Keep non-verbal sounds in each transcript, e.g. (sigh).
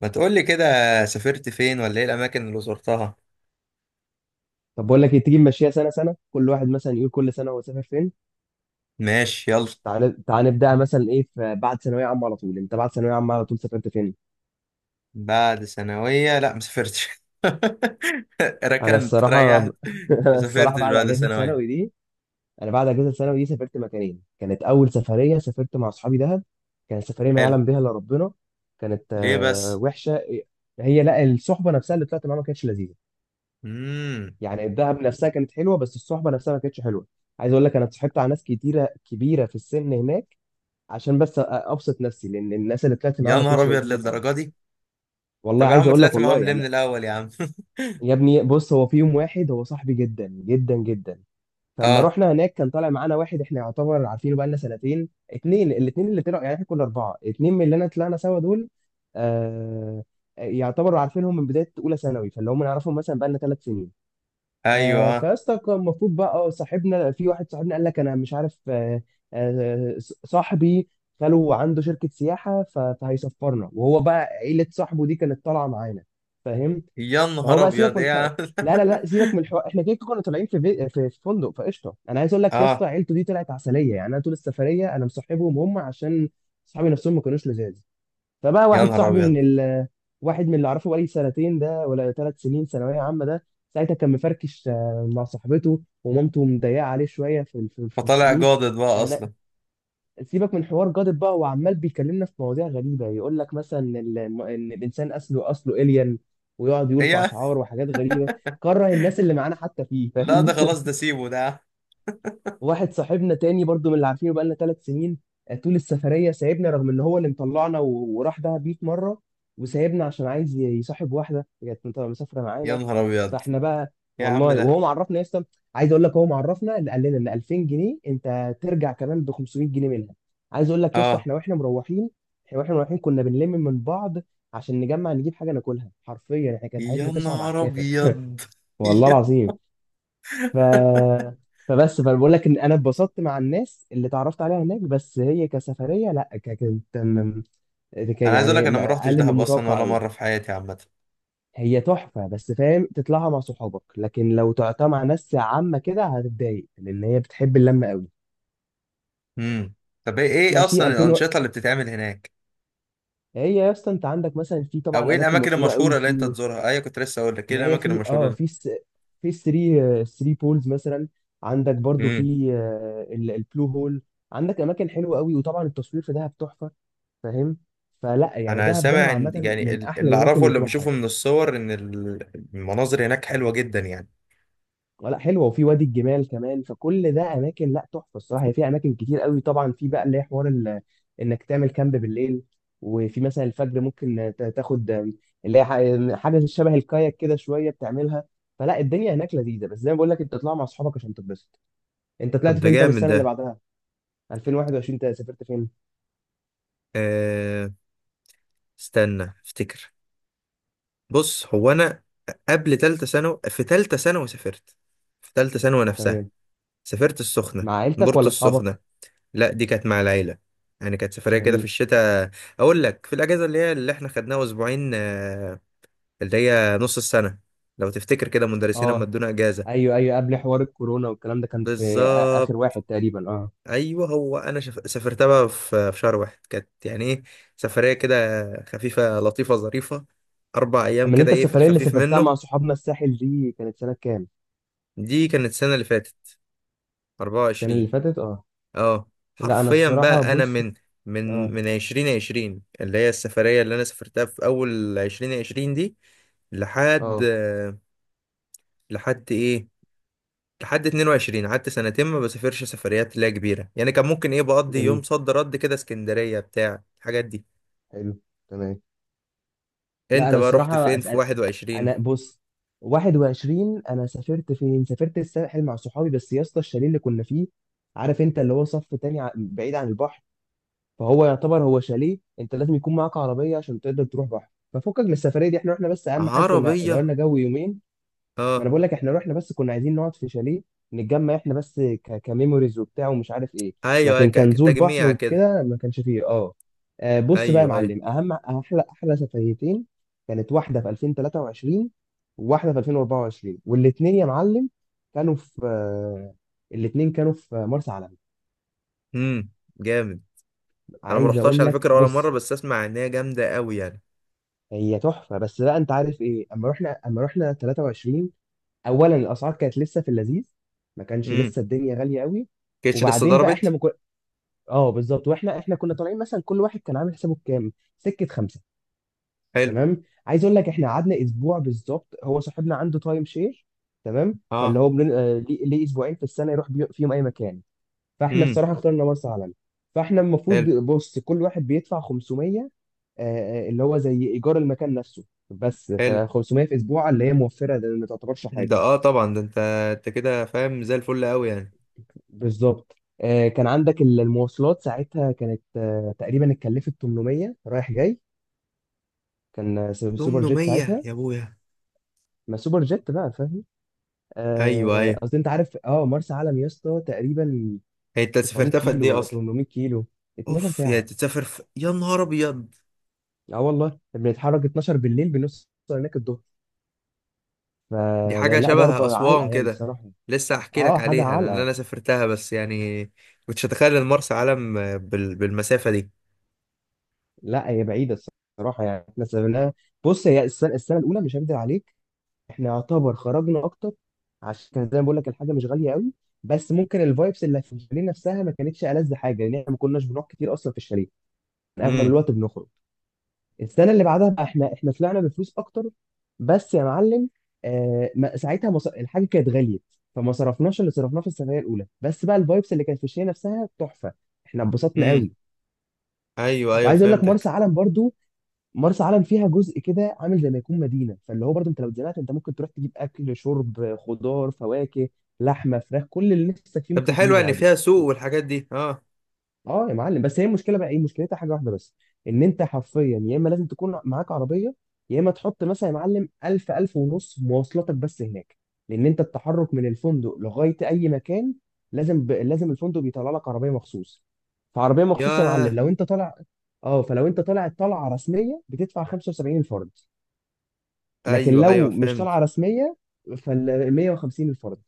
ما تقولي كده. سافرت فين، ولا ايه الاماكن اللي زرتها؟ طب بقول لك إيه، تيجي نمشيها سنه سنه، كل واحد مثلا يقول كل سنه هو سافر فين. ماشي، يلا. تعال تعال نبداها. مثلا ايه، في بعد ثانويه عامه على طول، انت بعد ثانويه عامه على طول سافرت فين؟ بعد ثانوية، لا ما سافرتش. (laughs) انا ركنت، الصراحه (laughs) ريحت. ما أنا الصراحه سافرتش بعد بعد اجازه ثانوية. ثانوي دي، انا بعد اجازه ثانوي دي سافرت مكانين. كانت اول سفريه سافرت مع اصحابي دهب. كانت سفريه ما حلو. يعلم بها الا ربنا. كانت ليه بس؟ وحشه. هي لا، الصحبه نفسها اللي طلعت معاها ما كانتش لذيذه. امم. يعني الدهب نفسها كانت حلوه، بس الصحبه نفسها ما كانتش حلوه. عايز اقول لك، انا اتصاحبت على ناس كتيره كبيره في السن هناك عشان بس ابسط نفسي، لان الناس اللي طلعت معاه يا ما نهار كانتش ابيض، لذيذه للدرجة خالص. دي؟ والله طب يا عايز عم، اقول لك، طلعت والله معاهم ليه من يعني. الاول يا عم؟ (laughs) يا ابني بص، هو في يوم واحد هو صاحبي جدا جدا جدا، فلما اه. رحنا هناك كان طالع معانا واحد احنا يعتبر عارفينه بقالنا سنتين. اتنين، الاتنين اللي طلعوا يعني، احنا كنا اربعه، اتنين من اللي انا طلعنا سوا دول. آه. يعتبروا عارفينهم من بدايه اولى ثانوي، فاللي هم نعرفهم مثلا بقالنا 3 سنين. ايوه. فيسطا كان المفروض بقى صاحبنا في واحد صاحبنا قال لك انا مش عارف، آه، صاحبي خاله عنده شركة سياحة فهيسفرنا. وهو بقى عيلة صاحبه دي كانت طالعة معانا، فاهم؟ يا فهو نهار بقى سيبك ابيض، من ايه الحوار. يا عم؟ لا لا (laughs) لا، سيبك من الحوار، احنا كده كده كنا طالعين في فندق، فقشطه. انا عايز اقول لك يا اسطى، اه. عيلته دي طلعت عسليه، يعني انا طول السفريه انا مصاحبهم هم عشان صحابي نفسهم ما كانوش لذاذ. فبقى يا واحد نهار صاحبي من ابيض. ال واحد من اللي اعرفه بقالي سنتين ده، ولا 3 سنين ثانويه عامه ده، ساعتها كان مفركش، مع صاحبته، ومامته مضيقه عليه شويه في في فطالع الفلوس. جادد بقى انا اصلا؟ سيبك من حوار جادب بقى، هو عمال بيكلمنا في مواضيع غريبه، يقول لك مثلا ان إن الانسان اصله الين، ويقعد يقول ايه يا في عم؟ اشعار وحاجات غريبه. كره الناس اللي معانا حتى فيه، لا فاهم؟ ده خلاص ده سيبه ده يا عم. واحد صاحبنا تاني برضو من اللي عارفينه بقالنا 3 سنين، طول السفرية سايبنا، رغم ان هو اللي مطلعنا وراح دهب 100 مرة، وسايبنا عشان عايز يصاحب واحدة كانت مسافرة يا معانا. نهار ابيض. فاحنا بقى، إيه يا عم والله وهو ده؟ معرفنا يا اسطى. عايز اقول لك، هو معرفنا اللي قال لنا ان 2000 جنيه انت ترجع كمان ب 500 جنيه منها. عايز اقول لك يا اسطى، اه. احنا واحنا مروحين، احنا واحنا مروحين كنا بنلم من بعض عشان نجمع نجيب حاجة ناكلها. حرفيا احنا كانت يا حياتنا تصعب على نهار الكافر. ابيض. (laughs) (laughs) والله يا- العظيم. ف فبس فبقول لك، ان انا اتبسطت مع الناس اللي اتعرفت عليها هناك، بس هي كسفريه، لا، ك- كانت م- ك- انا عايز اقول لك يعني انا م- ما روحتش اقل من دهب اصلا المتوقع ولا قوي. مره في حياتي عامه. هي تحفه بس، فاهم، تطلعها مع صحابك، لكن لو طلعتها مع ناس عامه كده هتتضايق، لان هي بتحب اللمه قوي. امم. طب، إيه ماشي. اصلا الانشطه اللي بتتعمل هناك؟ هي يا اسطى انت عندك مثلا، في او طبعا ايه اماكن الاماكن مشهوره قوي المشهوره اللي انت في، تزورها؟ ايوه، كنت لسه اقول لك ايه ما هي الاماكن في، المشهوره اللي... في في 3 3 بولز مثلا. عندك برضو في امم. البلو هول. عندك اماكن حلوه قوي، وطبعا التصوير في دهب تحفه، فاهم؟ فلا يعني، انا دهب سامع دهب عامه يعني من احلى اللي الاماكن اعرفه اللي اللي تروحها. بشوفه من الصور ان المناظر هناك حلوه جدا يعني. لا حلوه، وفي وادي الجمال كمان، فكل ده اماكن لا تحفه الصراحه. هي في اماكن كتير قوي، طبعا في بقى اللي هي حوار انك تعمل كامب بالليل. وفي مثلا الفجر ممكن تاخد اللي هي حاجه شبه الكاياك كده شويه بتعملها. فلا، الدنيا هناك لذيذه، بس زي ما بقول لك انت تطلع مع اصحابك عشان تتبسط. انت طب طلعت ده فين؟ طب جامد السنه اللي ده. بعدها، 2021، انت سافرت فين؟ أه... استنى، افتكر. بص، هو انا، قبل تالتة ثانوي في تالتة ثانوي سافرت. في تالتة ثانوي نفسها تمام. سافرت السخنة. مع عيلتك بورتو ولا اصحابك؟ السخنة. لا، دي كانت مع العيلة. يعني كانت سفرية كده في جميل. الشتاء. أقول لك، في الأجازة اللي هي اللي إحنا خدناها أسبوعين اللي هي نص السنة. لو تفتكر كده، مدرسين لما اه. ادونا أجازة. ايوه ايوه، قبل حوار الكورونا والكلام ده، كان في اخر بالظبط. واحد تقريبا، اه. أيوه، هو أنا سافرتها بقى في شهر واحد، كانت يعني إيه، سفرية كده خفيفة لطيفة ظريفة. 4 أيام اما كده، انت إيه في السفريه اللي الخفيف سافرتها منه. مع صحابنا الساحل دي، كانت سنه كام؟ دي كانت السنة اللي فاتت السنه اللي 24. فاتت، اه. اه، لا انا حرفيا الصراحه بقى انا بص، من من اه، من 2020، اللي هي السفرية اللي انا سافرتها في اول 2020 دي، لحد، اه، لحد ايه، لحد 22. قعدت سنتين ما بسافرش سفريات لا كبيرة يعني، كان ممكن ايه بقضي يوم جميل، صد رد كده اسكندرية بتاع الحاجات دي. حلو، تمام. لا انت انا بقى رحت الصراحه فين في أسأل... 21؟ انا بص، 21 انا سافرت فين؟ سافرت الساحل مع صحابي، بس يا اسطى الشاليه اللي كنا فيه، عارف انت اللي هو صف تاني، بعيد عن البحر. فهو يعتبر هو شاليه انت لازم يكون معاك عربيه عشان تقدر تروح بحر، ففكك من السفريه دي، احنا رحنا بس اهم حاجه كنا عربية. غيرنا جو يومين. ما انا اه. بقول لك احنا رحنا بس كنا عايزين نقعد في شاليه نتجمع احنا بس، كميموريز وبتاع ومش عارف ايه. ايوه ايوه، لكن كان نزول بحر كتجميع كده. وكده ما كانش فيه، اه. بص بقى يا ايوه، ايوه. معلم، اهم احلى سفريتين كانت واحده في 2023، وواحده في 2024، والاثنين يا معلم كانوا في الاثنين كانوا في مرسى علم. امم. جامد. انا ما عايز رحتهاش اقول على لك فكرة ولا مرة، بص، بس اسمع ان هي جامدة قوي يعني. هي تحفه. بس بقى انت عارف ايه، اما رحنا 23، اولا الاسعار كانت لسه في اللذيذ، ما كانش امم. لسه الدنيا غاليه قوي. كانتش لسه وبعدين بقى احنا ضربت. مكو... اه بالظبط، واحنا كنا طالعين مثلا كل واحد كان عامل حسابه بكام؟ سكه خمسه. حلو. تمام. عايز اقول لك، احنا قعدنا اسبوع بالظبط. هو صاحبنا عنده تايم شير، تمام، فاللي اه. هو بن... آه، ليه ليه اسبوعين في السنه يروح فيهم اي مكان. فاحنا امم. الصراحه اخترنا مرسى علم. فاحنا المفروض حلو. بص، كل واحد بيدفع 500، آه، اللي هو زي ايجار المكان نفسه، بس ف حلو 500 في اسبوع اللي هي موفره ده، ما تعتبرش ده، حاجه. اه طبعا ده، انت كده فاهم زي الفل قوي يعني. بالظبط. كان عندك المواصلات، ساعتها كانت تقريبا اتكلفت 800 رايح جاي. كان سوبر جيت 800. ساعتها. يا ابويا. ما سوبر جيت بقى، فاهم. ايوه، ايوه. قصدي انت عارف، اه، مرسى علم يا اسطى تقريبا هي انت 900 سافرتها في قد كيلو ايه ولا اصلا؟ 800 كيلو، 12 اوف، ساعه. يا نهار ابيض. اه والله بنتحرك 12 بالليل بنوصل هناك الظهر. دي فده حاجه لا شبه ضربة علقة اسوان يعني كده. الصراحة. لسه هحكي اه لك حاجة عليها، لان علقة. انا سافرتها بس يعني، كنتش اتخيل ان مرسى علم بالمسافه دي. لا هي بعيدة الصراحة. يعني احنا سافرناها، بص هي السنة، الأولى، مش هكدب عليك، احنا يعتبر خرجنا أكتر، عشان كان زي ما بقول لك الحاجة مش غالية قوي، بس ممكن الفايبس اللي في الشاليه نفسها ما كانتش ألذ حاجة، لأن احنا ما كناش بنروح كتير أصلا في الشاليه، كان أغلب امم. الوقت بنخرج. السنه اللي بعدها بقى، احنا طلعنا بفلوس اكتر، بس يا معلم، الحاجه كانت غليت، فما صرفناش اللي صرفناه في السفريه الاولى، بس بقى الفايبس اللي كانت في الشيء نفسها تحفه، احنا اتبسطنا امم. قوي. ايوه ايوه، وعايز اقول لك، مرسى فهمتك. علم برضو، مرسى علم فيها جزء كده عامل زي ما يكون مدينه، فاللي هو برضو انت لو اتزنقت انت ممكن تروح تجيب اكل، شرب، خضار، فواكه، لحمه، فراخ، كل اللي نفسك فيه طب ده ممكن حلو، تجيبه يعني عادي. فيها سوق والحاجات دي، اه. اه يا معلم. بس هي المشكله بقى ايه، مشكلتها حاجه واحده بس، ان انت حرفيا يا اما لازم تكون معاك عربيه، يا اما تحط مثلا يا معلم 1000 ونص مواصلاتك بس هناك، لان انت التحرك من الفندق لغايه اي مكان، لازم الفندق بيطلع لك عربيه مخصوص. فعربيه مخصوص يا معلم، ياه. لو انت طالع، اه، فلو انت طالع طلعه رسميه، بتدفع 75 الفرد. لكن ايوه ايوه، لو مش طالعه فهمت. رسميه، فال 150 الفرد.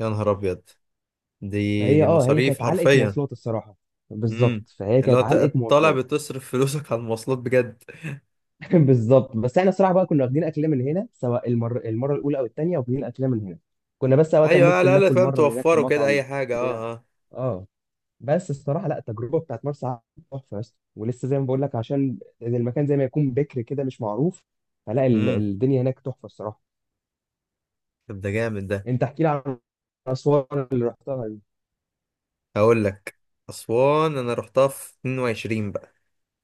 يا نهار ابيض. دي فهي دي اه، هي مصاريف كانت علقه حرفيا. مواصلات الصراحه. بالظبط، امم. فهي اللي هو كانت علقه طالع مواصلات. بتصرف فلوسك على المواصلات بجد. (laughs) بالظبط. بس احنا الصراحه بقى كنا واخدين اكلنا من هنا، سواء المره الاولى او الثانيه، واخدين اكلنا من هنا. كنا بس اوقات ايوه، ممكن على الاقل ناكل فاهم مره من هناك في توفروا كده مطعم اي حاجه، بتاع، اه اه. اه. بس الصراحه لا، التجربه بتاعت مرسى علم تحفه يا اسطى، ولسه زي ما بقول لك عشان المكان زي ما يكون بكر كده مش معروف، فلا، امم. الدنيا هناك تحفه الصراحه. طب ده جامد ده. انت احكي لي عن اسوان اللي رحتها دي. هقول لك. اسوان انا رحتها في 22 بقى.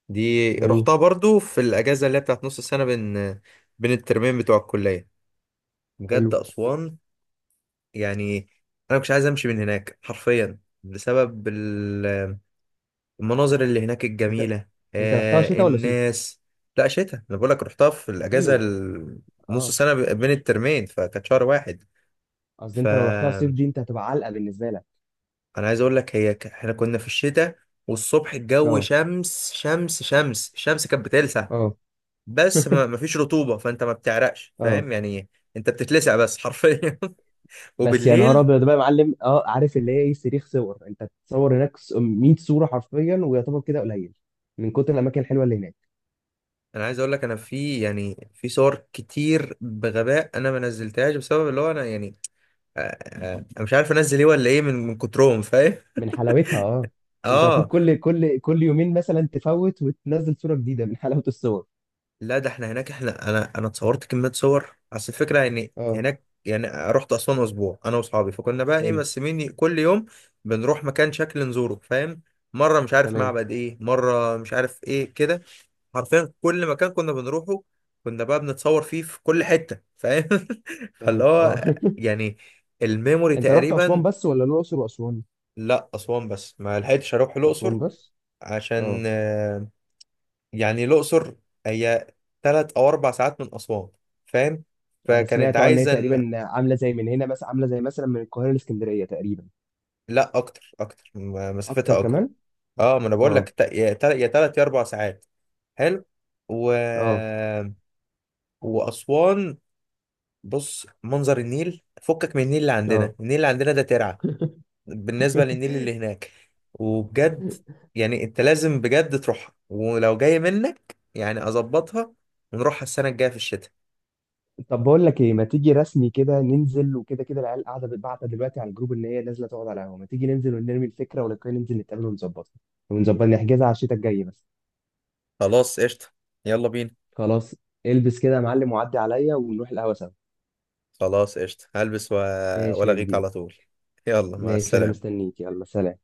دي جميل. رحتها برضو في الاجازه اللي هي بتاعت نص السنه، بين بين الترمين بتوع الكليه. بجد حلو. اسوان، يعني انا مش عايز امشي من هناك حرفيا بسبب المناظر اللي هناك انت الجميلة، انت رحتها شتاء ولا صيف؟ الناس. لا شتاء، انا بقول لك رحتها في الاجازة حلو. نص اه. سنة، بين الترمين فكانت شهر واحد. قصدي انت لو رحتها صيف فانا دي، انت هتبقى علقه بالنسبه لك. عايز اقول لك، هي احنا كنا في الشتاء، والصبح الجو اه. شمس شمس شمس، الشمس كانت بتلسع. اه. بس ما (laughs) ما فيش رطوبة، فانت ما بتعرقش، اه. فاهم يعني. انت بتتلسع بس حرفيا. (laughs) بس يا نهار وبالليل، ابيض بقى يا معلم، اه، عارف اللي هي ايه، صريخ صور، انت بتصور هناك 100 صوره حرفيا، ويعتبر كده قليل من كتر الاماكن الحلوه اللي هناك. انا عايز اقول لك، انا في يعني في صور كتير بغباء، انا ما نزلتهاش بسبب اللي هو انا يعني، انا مش عارف انزل ايه ولا ايه من كترهم، فاهم. من حلاوتها، اه. انت المفروض اه. كل يومين مثلا تفوت وتنزل صوره جديده، من حلاوه الصور. لا، ده احنا هناك، احنا انا اتصورت كميه صور، اصل الفكره يعني اه. هناك، يعني رحت اسوان اسبوع انا واصحابي، فكنا بقى ايه حلو. مقسمين كل يوم، بنروح مكان شكل نزوره، فاهم. مره مش عارف تمام. معبد ايه، مره مش عارف ايه كده. حرفيا كل مكان كنا بنروحه، كنا بقى بنتصور فيه في كل حته، فاهم. (laughs) فاللي تمام هو اه. (laughs) يعني الميموري انت رحت اسوان تقريبا. بس ولا الاقصر واسوان؟ لا، اسوان بس، ما لحقتش اروح الاقصر. اسوان بس. عشان اه. يعني الأقصر، هي 3 أو 4 ساعات من أسوان، فاهم. انا فكانت سمعت، اه، ان هي عايزة إن، تقريبا عامله زي من هنا مثلا، عامله زي مثلا من القاهره لاسكندريه تقريبا. لا أكتر أكتر، اكتر مسافتها أكبر. كمان. أه ما أنا بقول لك، اه يا 3 يا 4 ساعات. حلو. و... اه وأسوان، بص منظر النيل، فكك من النيل اللي عندنا. اه. النيل اللي عندنا ده ترعة بالنسبة للنيل اللي هناك. وبجد، (laughs) يعني أنت لازم بجد تروحها، ولو جاي منك يعني أظبطها، ونروحها السنة الجاية في الشتاء. طب بقول لك ايه، ما تيجي رسمي كده ننزل، وكده كده العيال قاعده بتبعت دلوقتي على الجروب ان هي نازله تقعد على القهوه، ما تيجي ننزل ونرمي الفكره، ولو كده ننزل نتقابل ونظبطها، ونظبط نحجزها على الشتاء الجاي بس. خلاص قشطة. يلا بينا. خلاص. البس كده يا معلم وعدي عليا ونروح القهوه سوا. خلاص قشطة، هلبس ماشي يا وألاقيك كبير. على طول. يلا، مع ماشي، انا السلامة. مستنيك، يلا سلام.